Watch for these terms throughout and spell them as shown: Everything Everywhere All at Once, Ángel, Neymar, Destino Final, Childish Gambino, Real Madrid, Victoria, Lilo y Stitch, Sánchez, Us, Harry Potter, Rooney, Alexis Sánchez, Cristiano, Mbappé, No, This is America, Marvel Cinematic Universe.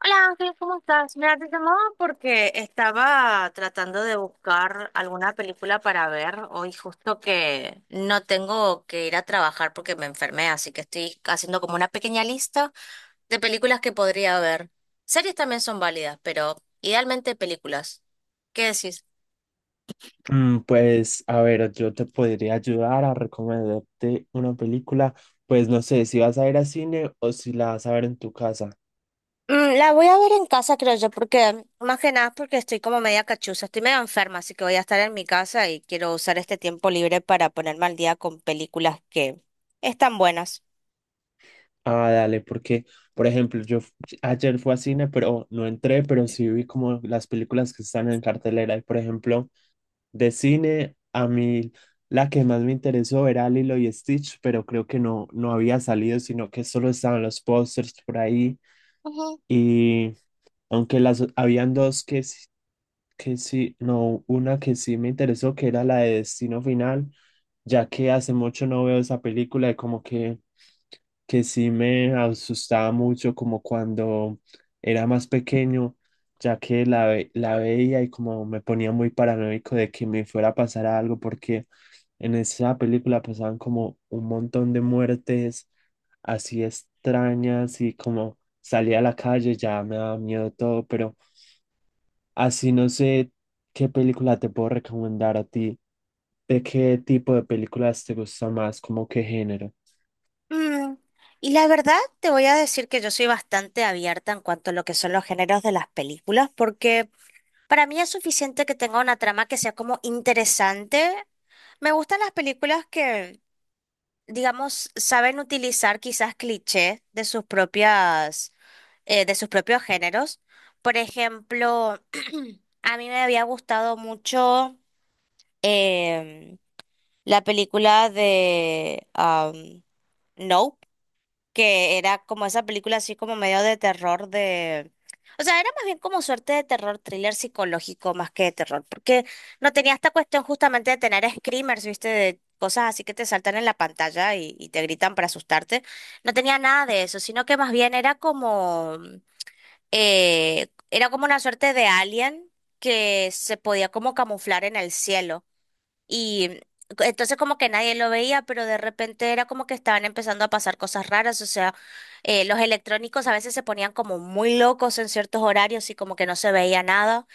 Hola Ángel, ¿cómo estás? Mira, te llamaba porque estaba tratando de buscar alguna película para ver. Hoy justo que no tengo que ir a trabajar porque me enfermé, así que estoy haciendo como una pequeña lista de películas que podría ver. Series también son válidas, pero idealmente películas. ¿Qué decís? A ver, yo te podría ayudar a recomendarte una película. Pues no sé si vas a ir al cine o si la vas a ver en tu casa. La voy a ver en casa, creo yo, porque más que nada porque estoy como media cachuza, estoy medio enferma, así que voy a estar en mi casa y quiero usar este tiempo libre para ponerme al día con películas que están buenas. Ah, dale, porque, por ejemplo, ayer fui al cine, pero no entré, pero sí vi como las películas que están en cartelera. Y, por ejemplo, de cine, a mí la que más me interesó era Lilo y Stitch, pero creo que no había salido, sino que solo estaban los pósters por ahí. Ujú. Y aunque las habían dos que sí, no, una que sí me interesó, que era la de Destino Final, ya que hace mucho no veo esa película y como que sí me asustaba mucho como cuando era más pequeño, ya que la veía y como me ponía muy paranoico de que me fuera a pasar algo, porque en esa película pasaban como un montón de muertes así extrañas y como salía a la calle ya me daba miedo todo, pero... Así no sé qué película te puedo recomendar a ti. ¿De qué tipo de películas te gusta más? ¿Como qué género? Mm, Y la verdad, te voy a decir que yo soy bastante abierta en cuanto a lo que son los géneros de las películas, porque para mí es suficiente que tenga una trama que sea como interesante. Me gustan las películas que digamos, saben utilizar quizás clichés de sus propias, de sus propios géneros. Por ejemplo, a mí me había gustado mucho em, la película de No, que era como esa película así como medio de terror de... O sea, era más bien como suerte de terror, thriller psicológico más que de terror, porque no tenía esta cuestión justamente de tener screamers, ¿viste? De cosas así que te saltan en la pantalla y te gritan para asustarte. No tenía nada de eso, sino que más bien era como una suerte de alien que se podía como camuflar en el cielo. Y entonces como que nadie lo veía, pero de repente era como que estaban empezando a pasar cosas raras, o sea, los electrónicos a veces se ponían como muy locos en ciertos horarios y como que no se veía nada.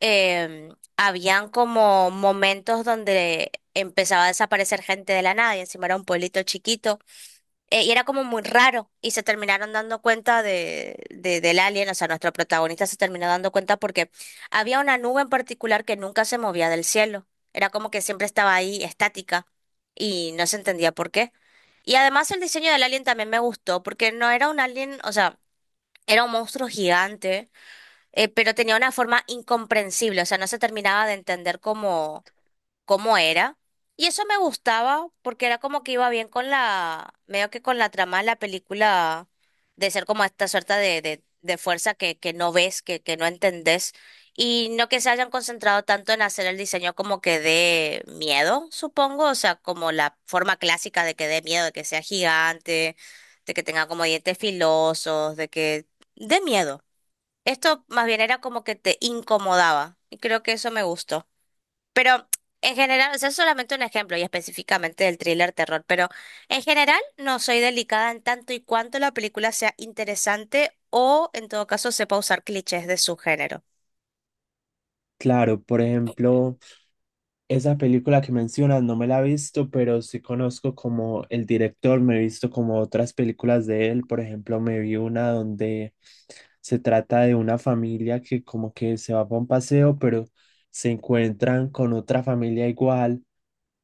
Em, habían como momentos donde empezaba a desaparecer gente de la nada y encima era un pueblito chiquito. Y era como muy raro y se terminaron dando cuenta del alien, o sea, nuestro protagonista se terminó dando cuenta porque había una nube en particular que nunca se movía del cielo, era como que siempre estaba ahí estática y no se entendía por qué. Y además el diseño del alien también me gustó porque no era un alien, o sea, era un monstruo gigante, pero tenía una forma incomprensible, o sea, no se terminaba de entender cómo era. Y eso me gustaba porque era como que iba bien con la, medio que con la trama de la película, de ser como esta suerte de fuerza que no ves, que no entendés. Y no que se hayan concentrado tanto en hacer el diseño como que dé miedo, supongo. O sea, como la forma clásica de que dé miedo, de que sea gigante, de que tenga como dientes filosos, de que dé miedo. Esto más bien era como que te incomodaba. Y creo que eso me gustó. Pero en general, o sea, es solamente un ejemplo y específicamente del thriller terror, pero en general no soy delicada en tanto y cuanto la película sea interesante o en todo caso sepa usar clichés de su género. Claro, por ejemplo, esa película que mencionas no me la he visto, pero sí conozco como el director, me he visto como otras películas de él. Por ejemplo, me vi una donde se trata de una familia que como que se va para un paseo, pero se encuentran con otra familia igual,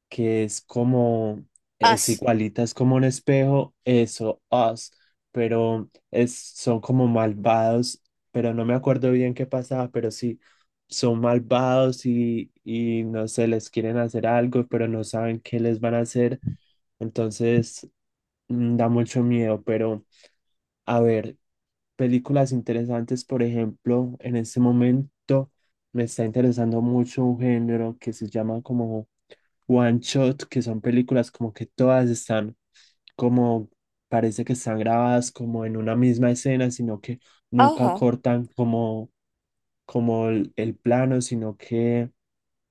que es como, es Us. igualita, es como un espejo, eso, Us, pero es, son como malvados, pero no me acuerdo bien qué pasaba, pero sí, son malvados y no sé, les quieren hacer algo, pero no saben qué les van a hacer, entonces da mucho miedo, pero a ver, películas interesantes, por ejemplo, en este momento me está interesando mucho un género que se llama como One Shot, que son películas como que todas están como, parece que están grabadas como en una misma escena, sino que nunca Ojo, cortan como, como el plano, sino que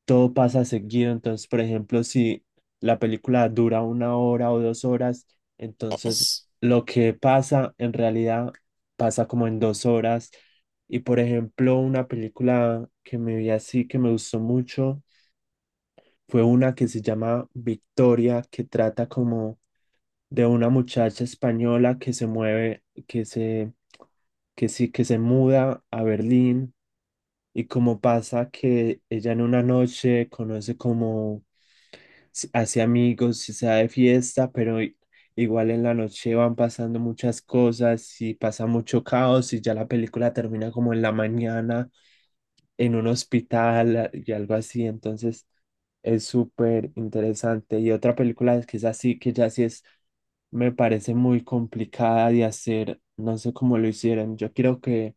todo pasa seguido. Entonces, por ejemplo, si la película dura una hora o dos horas, entonces es. lo que pasa en realidad pasa como en dos horas. Y por ejemplo, una película que me vi así, que me gustó mucho fue una que se llama Victoria, que trata como de una muchacha española que se mueve, que sí, que se muda a Berlín y como pasa que ella en una noche conoce como hace amigos y se da de fiesta, pero igual en la noche van pasando muchas cosas y pasa mucho caos y ya la película termina como en la mañana en un hospital y algo así. Entonces es súper interesante. Y otra película que es así, que ya sí es, me parece muy complicada de hacer. No sé cómo lo hicieron. Yo quiero que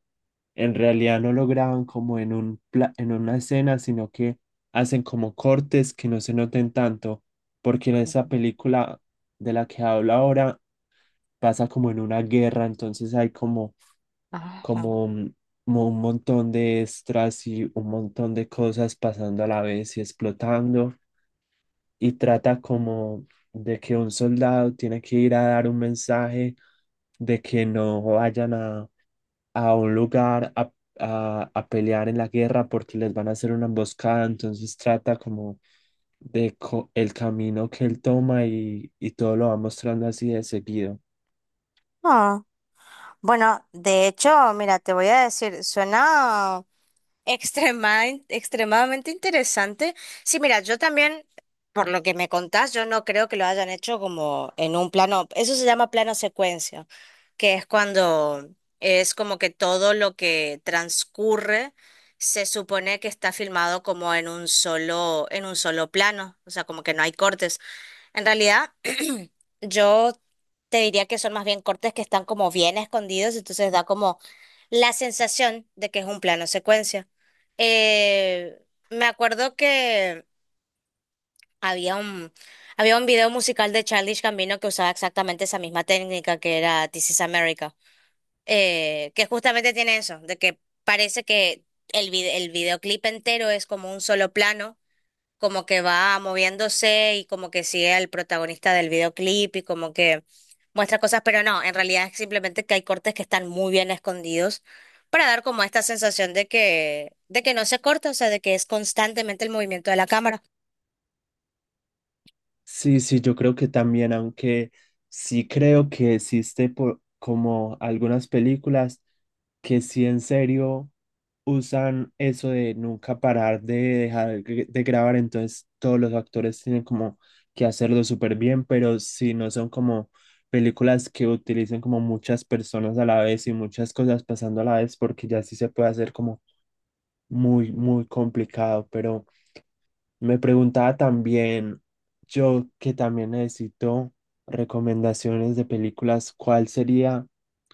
en realidad no lo graban como en un en una escena, sino que hacen como cortes que no se noten tanto, porque en esa película de la que hablo ahora pasa como en una guerra, entonces hay Ajá. Un como un montón de extras y un montón de cosas pasando a la vez y explotando, y trata como de que un soldado tiene que ir a dar un mensaje de que no vayan a un lugar a pelear en la guerra porque les van a hacer una emboscada, entonces trata como el camino que él toma y todo lo va mostrando así de seguido. Ah, bueno, de hecho, mira, te voy a decir, suena. Extremadamente interesante. Sí, mira, yo también, por lo que me contás, yo no creo que lo hayan hecho como en un plano, eso se llama plano secuencia, que es cuando es como que todo lo que transcurre se supone que está filmado como en un solo plano, o sea, como que no hay cortes. En realidad, yo te diría que son más bien cortes que están como bien escondidos, entonces da como la sensación de que es un plano secuencia. Eh, me acuerdo que había un, había un video musical de Childish Gambino que usaba exactamente esa misma técnica que era This is America, que justamente tiene eso, de que parece que el videoclip entero es como un solo plano, como que va moviéndose y como que sigue al protagonista del videoclip y como que muestra cosas, pero no, en realidad es simplemente que hay cortes que están muy bien escondidos para dar como esta sensación de de que no se corta, o sea, de que es constantemente el movimiento de la cámara. Sí, sí, yo creo que también, aunque sí creo que existe por, como algunas películas que sí en serio usan eso de nunca parar de de grabar, entonces todos los actores tienen como que hacerlo súper bien, pero si no son como películas que utilicen como muchas personas a la vez y muchas cosas pasando a la vez, porque ya sí se puede hacer como muy, muy complicado, pero me preguntaba también, yo que también necesito recomendaciones de películas, ¿cuál sería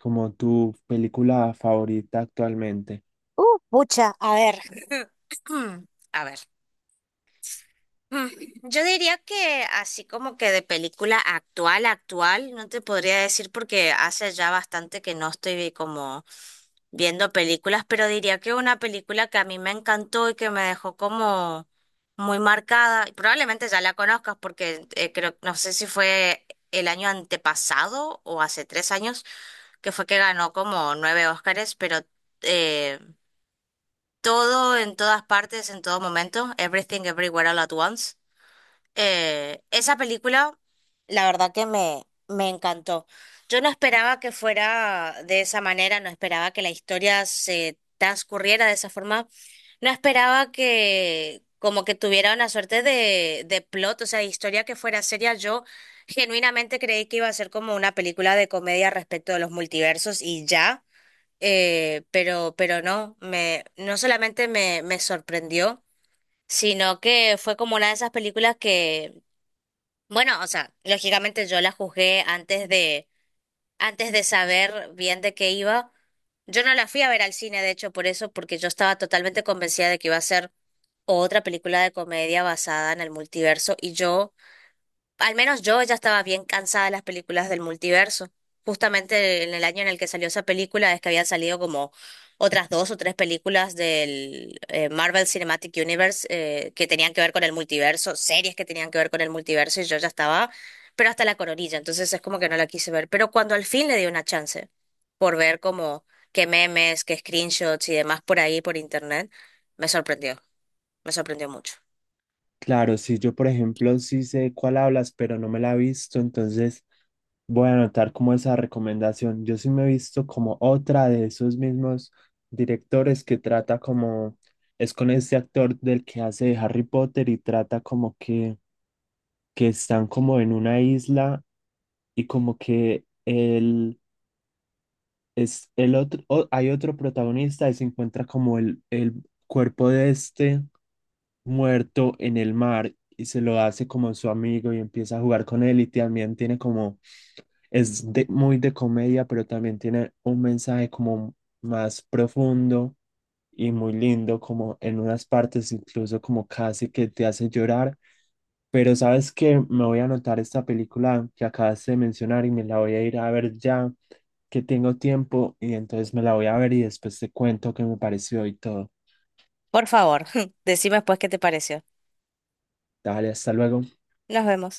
como tu película favorita actualmente? Pucha, a ver. A ver. Mm, yo diría que así como que de película actual, actual, no te podría decir porque hace ya bastante que no estoy como viendo películas, pero diría que una película que a mí me encantó y que me dejó como muy marcada, y probablemente ya la conozcas porque creo, no sé si fue el año antepasado o hace 3 años, que fue que ganó como nueve Óscares, pero eh, todo en todas partes, en todo momento, Everything Everywhere All at Once. Esa película, la verdad que me encantó. Yo no esperaba que fuera de esa manera, no esperaba que la historia se transcurriera de esa forma, no esperaba que como que tuviera una suerte de plot, o sea, de historia que fuera seria. Yo genuinamente creí que iba a ser como una película de comedia respecto de los multiversos y ya, pero no, no solamente me sorprendió, sino que fue como una de esas películas que bueno, o sea, lógicamente yo la juzgué antes de saber bien de qué iba. Yo no la fui a ver al cine, de hecho, por eso, porque yo estaba totalmente convencida de que iba a ser otra película de comedia basada en el multiverso y yo, al menos yo ya estaba bien cansada de las películas del multiverso. Justamente en el año en el que salió esa película es que habían salido como otras dos o tres películas del Marvel Cinematic Universe, que tenían que ver con el multiverso, series que tenían que ver con el multiverso y yo ya estaba, pero hasta la coronilla, entonces es como que no la quise ver. Pero cuando al fin le di una chance por ver como qué memes, qué screenshots y demás por ahí, por internet, me sorprendió, me sorprendió mucho. Claro, si yo por ejemplo sí sé cuál hablas, pero no me la he visto, entonces voy a anotar como esa recomendación. Yo sí me he visto como otra de esos mismos directores que trata como, es con este actor del que hace de Harry Potter y trata como que están como en una isla y como que él es el otro, hay otro protagonista y se encuentra como el cuerpo de este muerto en el mar y se lo hace como su amigo y empieza a jugar con él y también tiene como, muy de comedia, pero también tiene un mensaje como más profundo y muy lindo, como en unas partes incluso como casi que te hace llorar. Pero sabes que me voy a anotar esta película que acabas de mencionar y me la voy a ir a ver ya que tengo tiempo y entonces me la voy a ver y después te cuento qué me pareció y todo. Por favor, decime después qué te pareció. Dale, hasta luego. Nos vemos.